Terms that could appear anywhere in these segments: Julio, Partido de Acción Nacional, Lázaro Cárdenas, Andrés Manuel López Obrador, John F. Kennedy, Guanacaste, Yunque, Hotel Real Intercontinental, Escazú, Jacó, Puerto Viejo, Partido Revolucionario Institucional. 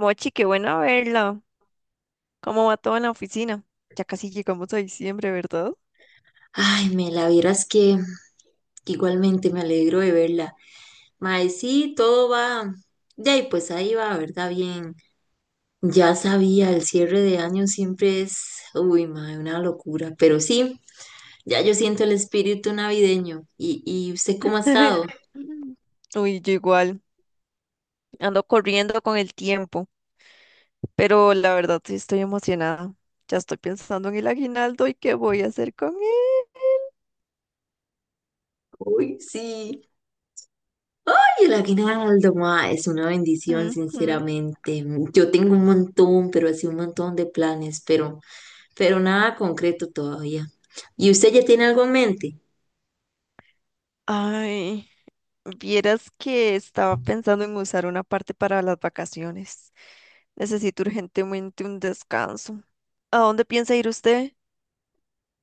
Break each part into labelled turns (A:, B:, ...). A: Mochi, qué bueno verla. ¿Cómo va todo en la oficina? Ya casi llegamos a diciembre, ¿verdad?
B: Ay, me la vieras que igualmente me alegro de verla. Mae, sí, todo va. De ahí, pues ahí va, ¿verdad? Bien. Ya sabía, el cierre de año siempre es, uy, mae, una locura. Pero sí, ya yo siento el espíritu navideño. ¿Y, usted cómo ha estado?
A: Uy, yo igual. Ando corriendo con el tiempo, pero la verdad sí estoy emocionada. Ya estoy pensando en el aguinaldo y qué voy a hacer con
B: Uy, sí. Ay, el aguinaldo, ma, es una bendición,
A: él. Ujú.
B: sinceramente. Yo tengo un montón, pero así un montón de planes, pero nada concreto todavía. ¿Y usted ya tiene algo en mente?
A: Ay, vieras que estaba pensando en usar una parte para las vacaciones. Necesito urgentemente un descanso. ¿A dónde piensa ir usted?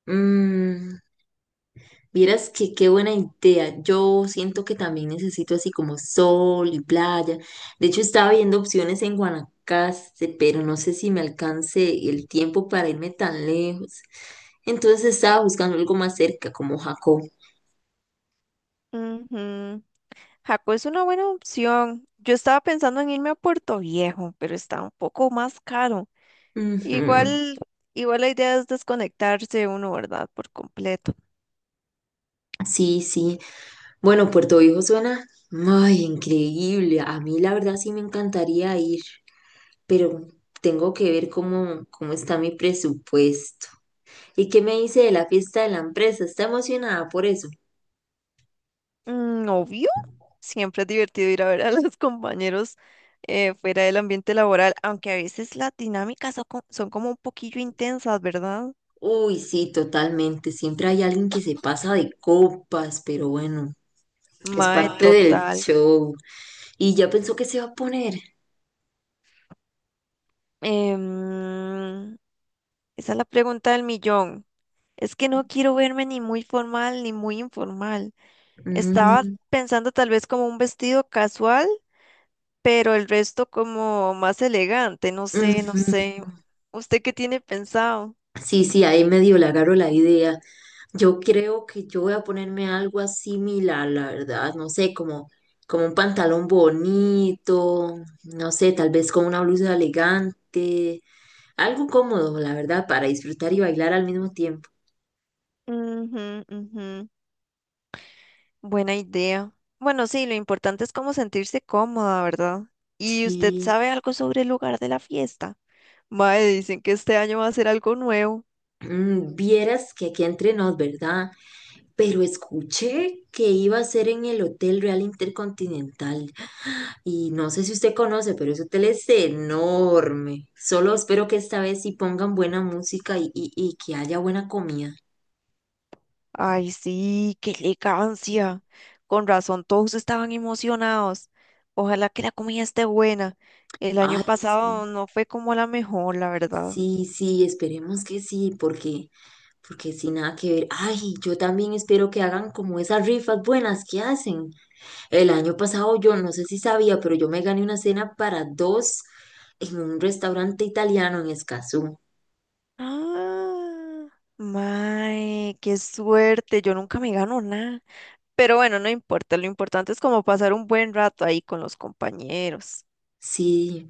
B: Mm, vieras que qué buena idea. Yo siento que también necesito así como sol y playa. De hecho, estaba viendo opciones en Guanacaste, pero no sé si me alcance el tiempo para irme tan lejos. Entonces estaba buscando algo más cerca, como Jacó.
A: Ujú. Jaco es una buena opción. Yo estaba pensando en irme a Puerto Viejo, pero está un poco más caro.
B: Ujú.
A: Igual, igual la idea es desconectarse uno, ¿verdad? Por completo.
B: Sí, sí. Bueno, Puerto Viejo suena, ay, increíble. A mí la verdad sí me encantaría ir, pero tengo que ver cómo está mi presupuesto. ¿Y qué me dice de la fiesta de la empresa? ¿Está emocionada por eso?
A: Mm, obvio, siempre es divertido ir a ver a los compañeros fuera del ambiente laboral, aunque a veces las dinámicas son, son como un poquillo intensas, ¿verdad?
B: Uy, sí, totalmente. Siempre hay alguien que se pasa de copas, pero bueno, es
A: Mae,
B: parte del no.
A: total.
B: Show. ¿Y ya pensó que se va a poner?
A: Em, esa es la pregunta del millón. Es que no quiero verme ni muy formal ni muy informal. Estaba
B: Mm,
A: pensando tal vez como un vestido casual, pero el resto como más elegante, no sé, no
B: ujú.
A: sé. ¿Usted qué tiene pensado?
B: Sí, sí, ahí medio le agarro la idea. Yo creo que yo voy a ponerme algo similar, la verdad. No sé, como un pantalón bonito, no sé, tal vez con una blusa elegante. Algo cómodo, la verdad, para disfrutar y bailar al mismo tiempo.
A: Ujú, ujú. Buena idea. Bueno, sí, lo importante es como sentirse cómoda, ¿verdad? ¿Y usted
B: Sí,
A: sabe algo sobre el lugar de la fiesta? Mae, dicen que este año va a ser algo nuevo.
B: mm, vieras que aquí entre nos, ¿verdad? Pero escuché que iba a ser en el Hotel Real Intercontinental y no sé si usted conoce, pero ese hotel es enorme. Solo espero que esta vez sí pongan buena música y que haya buena comida.
A: Ay, sí, qué elegancia. Con razón, todos estaban emocionados. Ojalá que la comida esté buena. El año
B: Ay, sí,
A: pasado no fue como la mejor, la verdad.
B: sí, sí, esperemos que sí, porque... Porque sin nada que ver. Ay, yo también espero que hagan como esas rifas buenas que hacen. El año pasado yo no sé si sabía, pero yo me gané una cena para dos en un restaurante italiano en Escazú.
A: Ah, mae, qué suerte. Yo nunca me gano nada. Pero bueno, no importa. Lo importante es como pasar un buen rato ahí con los compañeros.
B: Sí,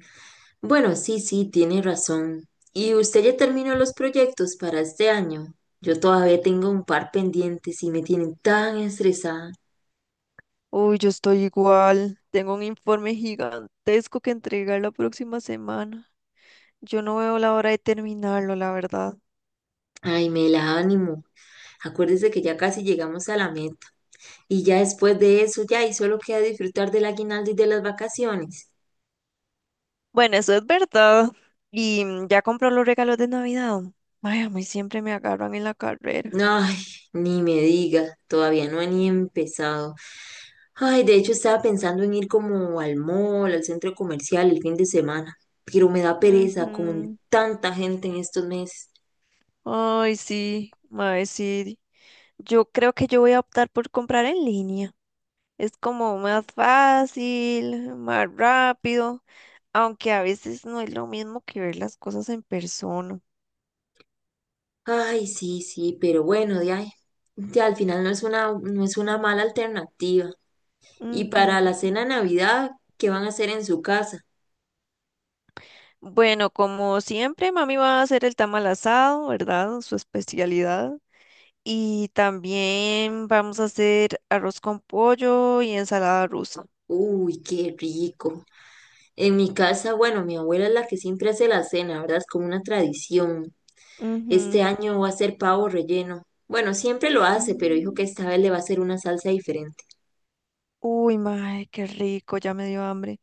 B: bueno, sí, sí, tiene razón. ¿Y usted ya terminó los proyectos para este año? Yo todavía tengo un par pendientes y me tienen tan estresada.
A: Uy, yo estoy igual. Tengo un informe gigantesco que entregar la próxima semana. Yo no veo la hora de terminarlo, la verdad.
B: Ay, me la ánimo. Acuérdese que ya casi llegamos a la meta y ya después de eso ya y solo queda disfrutar del aguinaldo y de las vacaciones.
A: Bueno, eso es verdad. Y ya compró los regalos de Navidad. Ay, a mí siempre me agarran en la carrera.
B: Ay, ni me digas, todavía no he ni empezado. Ay, de hecho estaba pensando en ir como al mall, al centro comercial el fin de semana, pero me da pereza con
A: Ujú.
B: tanta gente en estos meses.
A: Ay, sí, ay, sí. Yo creo que yo voy a optar por comprar en línea. Es como más fácil, más rápido, aunque a veces no es lo mismo que ver las cosas en persona.
B: Ay, sí, sí, pero bueno, de ahí, ya al final no es una mala alternativa. Y
A: Ujú.
B: para la cena de Navidad, ¿qué van a hacer en su casa?
A: Bueno, como siempre, mami va a hacer el tamal asado, ¿verdad? Su especialidad. Y también vamos a hacer arroz con pollo y ensalada rusa.
B: Uy, qué rico. En mi casa, bueno, mi abuela es la que siempre hace la cena, ¿verdad? Es como una tradición. Este año va a ser pavo relleno. Bueno, siempre lo
A: Ujú,
B: hace, pero dijo que
A: mm.
B: esta vez le va a hacer una salsa diferente.
A: Uy, mae, qué rico, ya me dio hambre.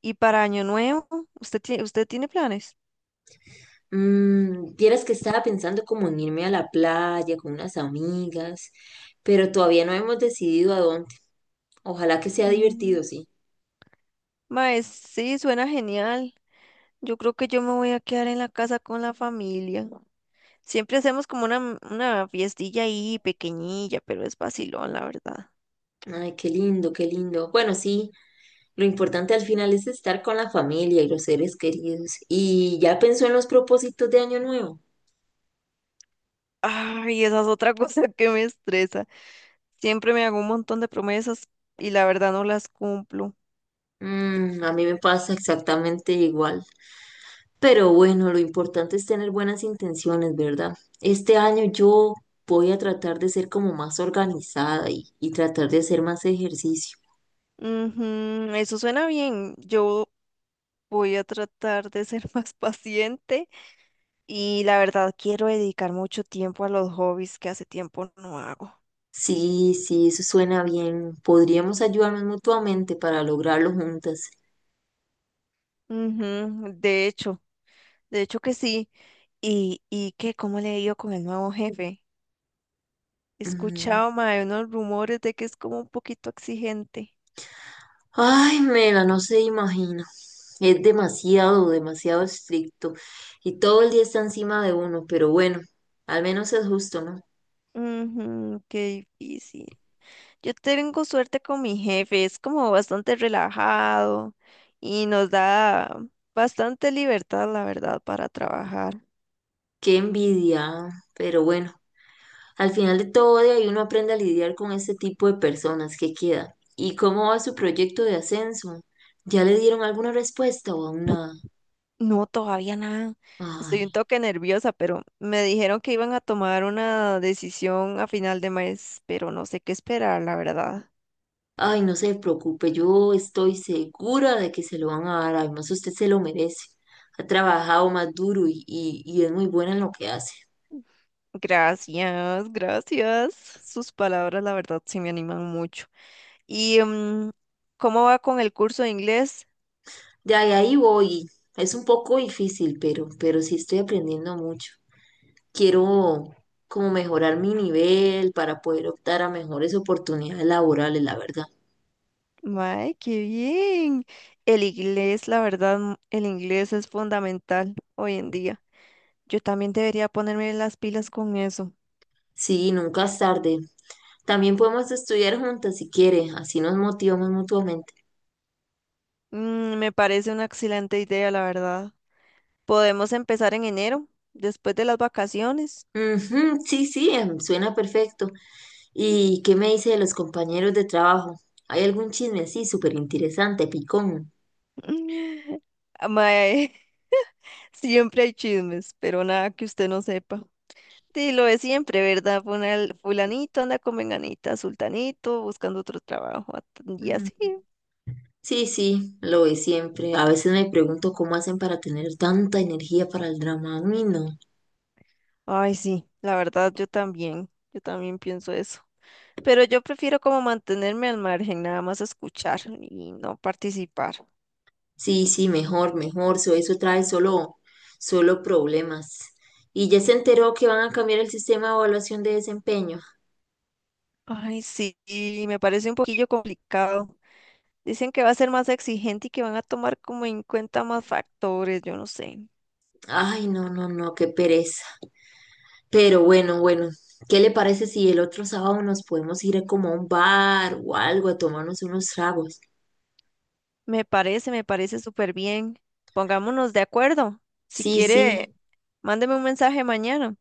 A: ¿Y para Año Nuevo? Usted tiene planes?
B: Mm, vieras que estaba pensando como en irme a la playa con unas amigas, pero todavía no hemos decidido a dónde. Ojalá que sea
A: Mm.
B: divertido, sí.
A: Mae, sí, suena genial. Yo creo que yo me voy a quedar en la casa con la familia. Siempre hacemos como una, una fiestilla ahí pequeñilla, pero es vacilón, la verdad.
B: Ay, qué lindo, qué lindo. Bueno, sí, lo importante al final es estar con la familia y los seres queridos. ¿Y ya pensó en los propósitos de año nuevo?
A: Ay, esa es otra cosa que me estresa. Siempre me hago un montón de promesas y la verdad no las cumplo.
B: Mm, a mí me pasa exactamente igual. Pero bueno, lo importante es tener buenas intenciones, ¿verdad? Este año yo voy a tratar de ser como más organizada y tratar de hacer más ejercicio.
A: Ujú, eso suena bien. Yo voy a tratar de ser más paciente y la verdad quiero dedicar mucho tiempo a los hobbies que hace tiempo no hago.
B: Sí, sí, eso suena bien. Podríamos ayudarnos mutuamente para lograrlo juntas.
A: Ujú, de hecho que sí. ¿Y, qué? ¿Cómo le he ido con el nuevo jefe? He
B: Mm.
A: escuchado, mae, unos rumores de que es como un poquito exigente.
B: Ay, Mela, no se imagina. Es demasiado, demasiado estricto. Y todo el día está encima de uno, pero bueno, al menos es justo, ¿no?
A: Ujú, qué difícil. Yo tengo suerte con mi jefe, es como bastante relajado y nos da bastante libertad, la verdad, para trabajar.
B: Qué envidia, ah, pero bueno. Al final de todo, de ahí uno aprende a lidiar con este tipo de personas que queda. ¿Y cómo va su proyecto de ascenso? ¿Ya le dieron alguna respuesta o aún nada?
A: No, todavía nada. Estoy un
B: Ay,
A: toque nerviosa, pero me dijeron que iban a tomar una decisión a final de mes, pero no sé qué esperar, la verdad.
B: ay, no se preocupe, yo estoy segura de que se lo van a dar. Además, usted se lo merece. Ha trabajado más duro y es muy buena en lo que hace.
A: Gracias, gracias. Sus palabras, la verdad, sí me animan mucho. ¿Y cómo va con el curso de inglés?
B: De ahí, ahí voy. Es un poco difícil, pero sí estoy aprendiendo mucho. Quiero como mejorar mi nivel para poder optar a mejores oportunidades laborales, la verdad.
A: Mae, qué bien. El inglés, la verdad, el inglés es fundamental hoy en día. Yo también debería ponerme las pilas con eso.
B: Sí, nunca es tarde. También podemos estudiar juntas si quiere, así nos motivamos mutuamente.
A: Mm, me parece una excelente idea, la verdad. Podemos empezar en enero, después de las vacaciones.
B: Ujú, sí, sí, suena perfecto. ¿Y qué me dice de los compañeros de trabajo? ¿Hay algún chisme así súper interesante, picón?
A: Ah, Mae, siempre hay chismes, pero nada que usted no sepa. Sí, lo es siempre, ¿verdad? Fulanito anda con venganita, sultanito, buscando otro trabajo y
B: Mm.
A: así.
B: Sí, sí, lo ve siempre. A veces me pregunto cómo hacen para tener tanta energía para el drama. Uy, no.
A: Ay, sí, la verdad yo también pienso eso. Pero yo prefiero como mantenerme al margen, nada más escuchar y no participar.
B: Sí, sí, mejor, mejor. So, eso trae solo problemas. ¿Y ya se enteró que van a cambiar el sistema de evaluación de desempeño?
A: Ay, sí, y me parece un poquillo complicado. Dicen que va a ser más exigente y que van a tomar como en cuenta más factores, yo no sé.
B: Ay, no, no, no, qué pereza. Pero bueno, bueno, ¿qué le parece si el otro sábado nos podemos ir como a un bar o algo a tomarnos unos tragos?
A: Me parece súper bien. Pongámonos de acuerdo. Si
B: Sí, sí,
A: quiere, mándeme un mensaje mañana.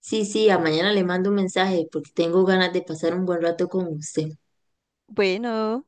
B: sí, sí, a mañana le mando un mensaje porque tengo ganas de pasar un buen rato con usted.
A: Bueno.